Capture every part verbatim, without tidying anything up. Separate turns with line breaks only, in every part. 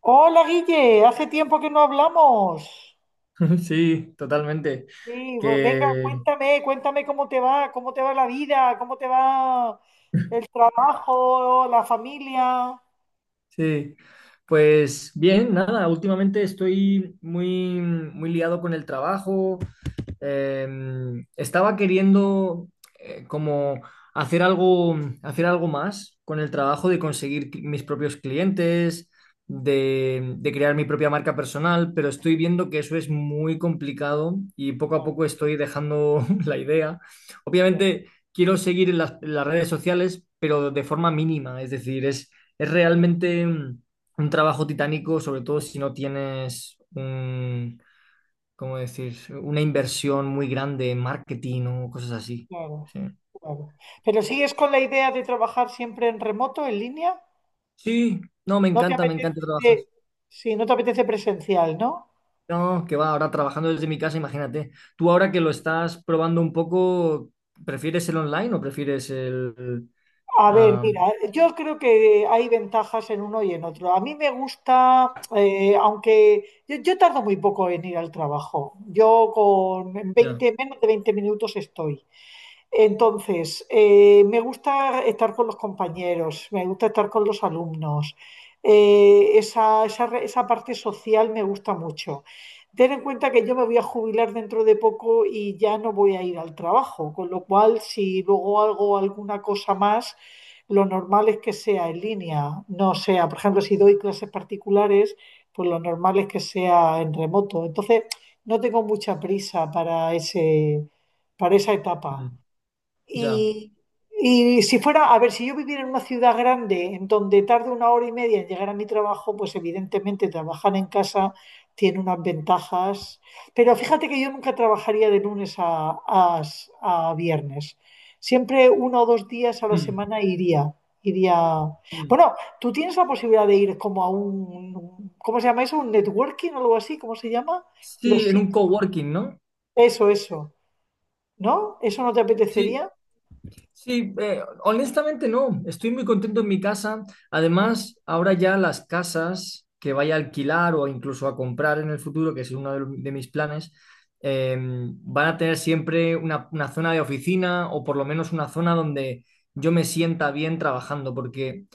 Hola Guille, hace tiempo que no hablamos.
Sí, totalmente.
Sí, pues venga,
Que
cuéntame, cuéntame cómo te va, cómo te va la vida, cómo te va el trabajo, la familia.
sí. Pues bien, nada, últimamente estoy muy, muy liado con el trabajo, em, estaba queriendo eh, como hacer algo, hacer algo más con el trabajo de conseguir cl- mis propios clientes, de, de crear mi propia marca personal, pero estoy viendo que eso es muy complicado y poco a
Claro,
poco estoy dejando la idea.
ya,
Obviamente quiero seguir en las, en las redes sociales, pero de forma mínima, es decir, es, es realmente mm, un trabajo titánico, sobre todo si no tienes un, ¿cómo decir? Una inversión muy grande en marketing o cosas así.
claro,
Sí.
claro. Pero sigues con la idea de trabajar siempre en remoto, en línea.
Sí, no, me
No te
encanta, me encanta
apetece,
trabajar.
sí, no te apetece presencial, ¿no?
No, que va, ahora trabajando desde mi casa, imagínate. Tú ahora que lo estás probando un poco, ¿prefieres el online o prefieres el...
A ver, mira,
am,
yo creo que hay ventajas en uno y en otro. A mí me gusta, eh, aunque yo, yo tardo muy poco en ir al trabajo. Yo con en
ya,
veinte, menos de veinte minutos estoy. Entonces, eh, me gusta estar con los compañeros, me gusta estar con los alumnos. Eh, esa, esa re- esa parte social me gusta mucho. Ten en cuenta que yo me voy a jubilar dentro de poco y ya no voy a ir al trabajo, con lo cual si luego hago alguna cosa más, lo normal es que sea en línea, no sea, por ejemplo, si doy clases particulares, pues lo normal es que sea en remoto. Entonces, no tengo mucha prisa para ese, para esa etapa.
mm, ya.
Y, y si fuera, a ver, si yo viviera en una ciudad grande en donde tarde una hora y media en llegar a mi trabajo, pues evidentemente trabajar en casa tiene unas ventajas. Pero fíjate que yo nunca trabajaría de lunes a, a- a viernes. Siempre uno o dos días a la
Mm,
semana iría. Iría.
mm.
Bueno, tú tienes la posibilidad de ir como a un, ¿cómo se llama eso? ¿Un networking o algo así? ¿Cómo se llama? Los
Sí, en
sit-
un coworking, ¿no?
Eso, eso. ¿No? ¿Eso no te
Sí.
apetecería?
Sí, eh, honestamente no, estoy muy contento en mi casa.
Sí,
Además, ahora ya las casas que vaya a alquilar o incluso a comprar en el futuro, que es uno de, de mis planes, eh, van a tener siempre una, una zona de oficina o por lo menos una zona donde yo me sienta bien trabajando, porque,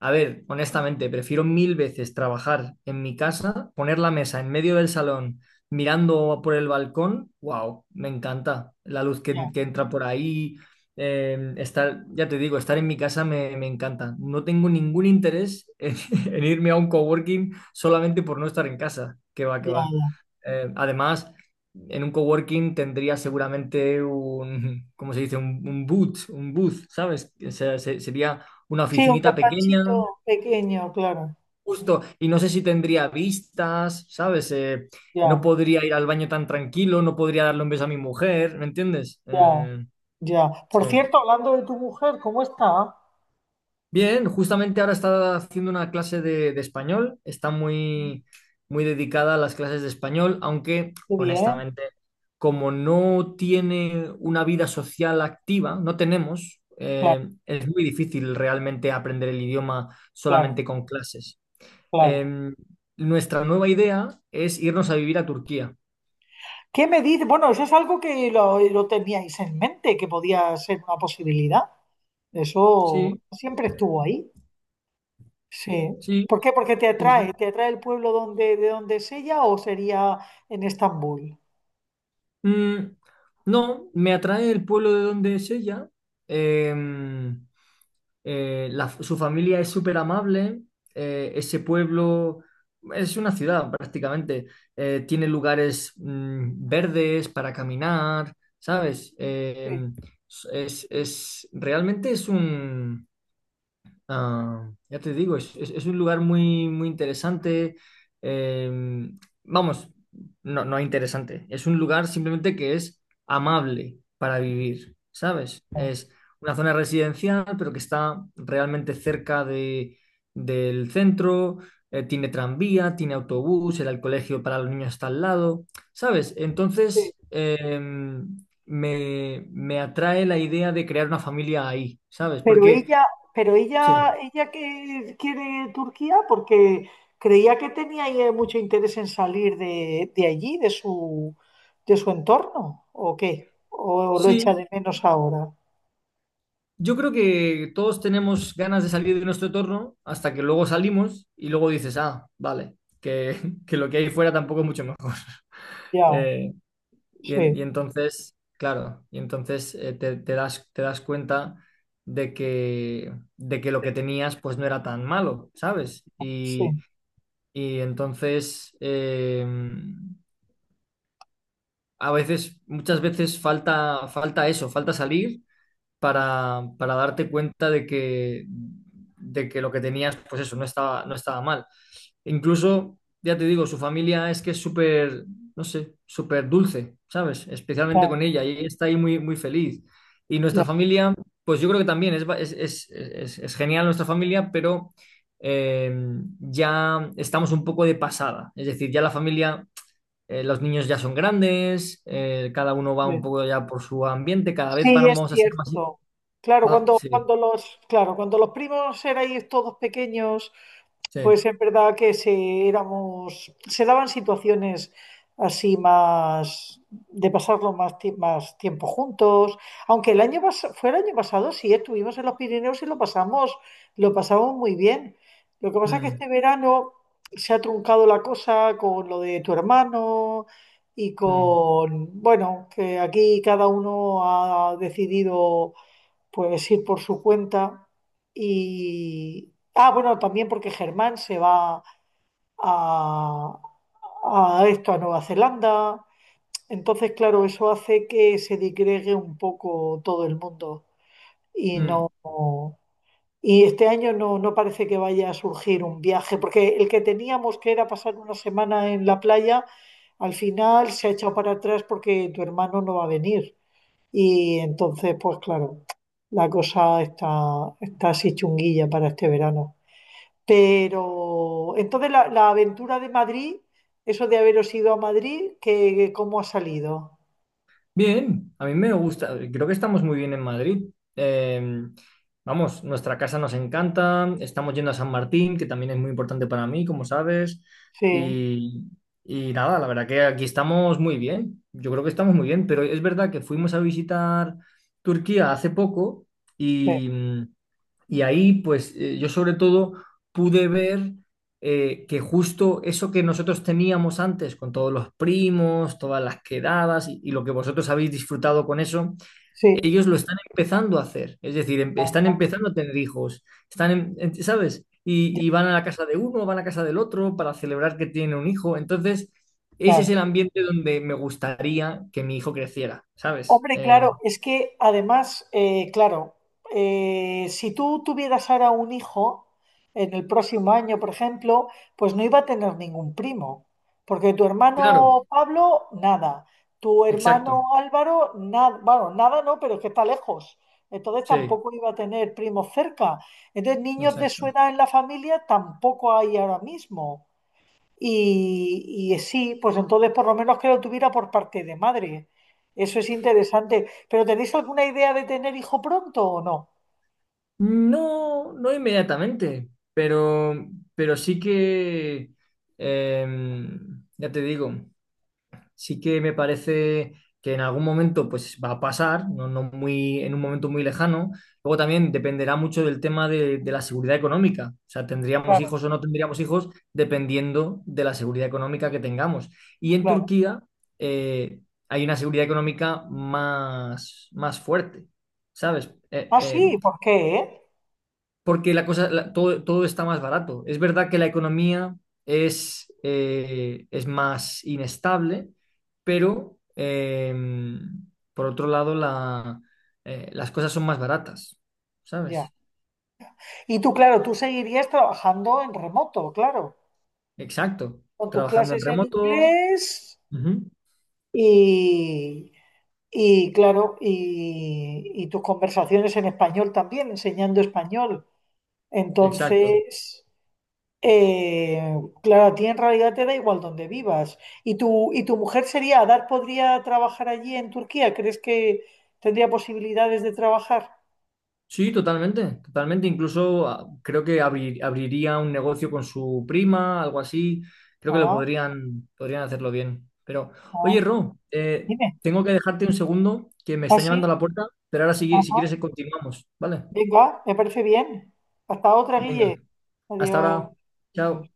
a ver, honestamente, prefiero mil veces trabajar en mi casa, poner la mesa en medio del salón. Mirando por el balcón, wow, me encanta la luz que,
ya,
que entra por ahí, eh, estar, ya te digo, estar en mi casa me, me encanta. No tengo ningún interés en, en irme a un coworking solamente por no estar en casa. Que va, que
ya.
va. Eh, además, en un coworking tendría seguramente un, ¿cómo se dice? Un, un boot, un booth, ¿sabes? O sea, se- sería una
Sí, un
oficinita pequeña,
despachito pequeño, claro.
justo, y no sé si tendría vistas, ¿sabes? Eh, no
Ya,
podría ir al baño tan tranquilo, no podría darle un beso a mi mujer, ¿me entiendes?
ya,
Eh,
ya.
sí.
Por cierto, hablando de tu mujer, ¿cómo está?
Bien, justamente ahora está haciendo una clase de, de español, está muy, muy dedicada a las clases de español, aunque
Qué bien,
honestamente, como no tiene una vida social activa, no tenemos,
claro,
eh, es muy difícil realmente aprender el idioma
claro,
solamente con clases.
claro.
Em, nuestra nueva idea es irnos a vivir a Turquía.
¿Qué me dices? Bueno, eso es algo que lo, lo teníais en mente, que podía ser una posibilidad. Eso
Sí,
siempre estuvo ahí. Sí.
sí,
¿Por qué? Porque te
sí, sí.
atrae, te atrae el pueblo donde, de donde es ella o sería en Estambul.
Mm, no, me atrae el pueblo de donde es ella. Em, eh, la- su familia es súper amable, eh, ese pueblo es una ciudad prácticamente, eh, tiene lugares mm, verdes para caminar, ¿sabes?
Sí,
Eh, es, es- realmente es un... Ah, ya te digo, es, es- es un lugar muy, muy interesante. Eh, vamos, no, no interesante. Es un lugar simplemente que es amable para vivir, ¿sabes? Es una zona residencial, pero que está realmente cerca de, del centro. Eh, tiene tranvía, tiene autobús, el colegio para los niños está al lado, ¿sabes?
Sí.
Entonces, eh, me, me atrae la idea de crear una familia ahí, ¿sabes?
Pero
Porque...
ella, pero
Sí.
ella, ella que quiere Turquía porque creía que tenía ella mucho interés en salir de, de allí, de su, de su entorno, ¿o qué? ¿O, lo echa
Sí,
de menos ahora?
yo creo que todos tenemos ganas de salir de nuestro entorno hasta que luego salimos y luego dices, ah, vale, que, que lo que hay fuera tampoco es mucho mejor.
Ya,
Eh, y,
sí,
en- y entonces, claro, y entonces eh, te, te das, te das cuenta de que, de que lo que tenías pues no era tan malo, ¿sabes?
sí,
Y, y entonces, eh, a veces, muchas veces falta, falta eso, falta salir para, para darte cuenta de que, de que lo que tenías, pues eso, no estaba, no estaba mal. Incluso, ya te digo, su familia es que es súper, no sé, súper dulce, ¿sabes?
ya,
Especialmente con ella, y ella está ahí muy, muy feliz. Y
ya,
nuestra familia, pues yo creo que también es, ba- es, es- es- es genial nuestra familia, pero eh, ya estamos un poco de pasada. Es decir, ya la familia, eh, los niños ya son grandes, eh, cada uno va un
sí.
poco ya por su ambiente, cada vez
Sí, es
vamos a ser más.
cierto. Claro,
Va,
cuando,
sí,
cuando los, claro, cuando los primos erais todos pequeños.
sí.
Pues en verdad que se éramos, se daban situaciones así más de pasarlo más, ti- más tiempo juntos. Aunque el año pas- fue el año pasado, sí, estuvimos en los Pirineos y lo pasamos, lo pasamos muy bien. Lo que pasa es que
Mm,
este verano se ha truncado la cosa con lo de tu hermano y
mm,
con, bueno, que aquí cada uno ha decidido pues ir por su cuenta y... Ah, bueno, también porque Germán se va a, a esto, a Nueva Zelanda. Entonces, claro, eso hace que se digregue un poco todo el mundo y... no...
mm.
Y este año no, no parece que vaya a surgir un viaje, porque el que teníamos que era pasar una semana en la playa, al final se ha echado para atrás porque tu hermano no va a venir. Y entonces, pues claro, la cosa está, está así chunguilla para este verano. Pero entonces la, la aventura de Madrid, eso de haberos ido a Madrid, que, ¿cómo ha salido?
Bien, a mí me gusta. Creo que estamos muy bien en Madrid. Eh, vamos, nuestra casa nos encanta. Estamos yendo a San Martín, que también es muy importante para mí, como sabes.
Sí,
Y, y nada, la verdad que aquí estamos muy bien. Yo creo que estamos muy bien, pero es verdad que fuimos a visitar Turquía hace poco
sí,
y... Y ahí, pues eh, yo sobre todo pude ver eh, que justo eso que nosotros teníamos antes, con todos los primos, todas las quedadas y, y lo que vosotros habéis disfrutado con eso,
sí.
ellos lo están empezando a hacer. Es decir, em- están
Ah,
empezando a tener hijos, están, en- en- ¿sabes?
ya,
Y, y van a la casa de uno, van a la casa del otro para celebrar que tienen un hijo. Entonces, ese
claro.
es el ambiente donde me gustaría que mi hijo creciera, ¿sabes?
Hombre,
Eh,
claro, es que además, eh, claro, eh, si tú tuvieras ahora un hijo en el próximo año, por ejemplo, pues no iba a tener ningún primo, porque tu
claro,
hermano Pablo, nada, tu hermano
exacto,
Álvaro, nada, bueno, nada no, pero es que está lejos, entonces
sí,
tampoco iba a tener primos cerca, entonces niños de su
exacto.
edad en la familia tampoco hay ahora mismo. Y, y sí, pues entonces por lo menos que lo tuviera por parte de madre. Eso es interesante. ¿Pero tenéis alguna idea de tener hijo pronto o no?
No, no inmediatamente, pero, pero sí que, em, ya te digo, sí que me parece que en algún momento pues va a pasar, no, no muy, en un momento muy lejano. Luego también dependerá mucho del tema de, de la seguridad económica. O sea, tendríamos
Claro,
hijos o no tendríamos hijos dependiendo de la seguridad económica que tengamos. Y en
claro.
Turquía eh, hay una seguridad económica más, más fuerte, ¿sabes? Eh,
Ah,
eh,
sí, ¿por qué, eh?
porque la cosa, la- todo, todo está más barato. Es verdad que la economía es, eh, es más inestable, pero em, por otro lado la, eh, las cosas son más baratas,
Ya.
¿sabes?
Y tú, claro, tú seguirías trabajando en remoto, claro,
Exacto.
con tus
Trabajando en
clases en
remoto.
inglés
Ujú.
y, y claro, y, y tus conversaciones en español también, enseñando español.
Exacto.
Entonces, Eh, claro, a ti en realidad te da igual donde vivas. ¿Y tu, y tu mujer sería, Adar podría trabajar allí en Turquía? ¿Crees que tendría posibilidades de trabajar?
Sí, totalmente, totalmente. Incluso ah, creo que abri- abriría un negocio con su prima, algo así. Creo que lo
Ah,
podrían, podrían hacerlo bien. Pero,
ah,
oye, Ro, eh,
dime.
tengo que dejarte un segundo, que me
¿Ah,
están llamando
sí?
a la puerta, pero ahora si, si
Ajá.
quieres continuamos, ¿vale?
Venga, me parece bien. Hasta otra,
Venga,
Guille.
hasta
Adiós.
ahora. Chao.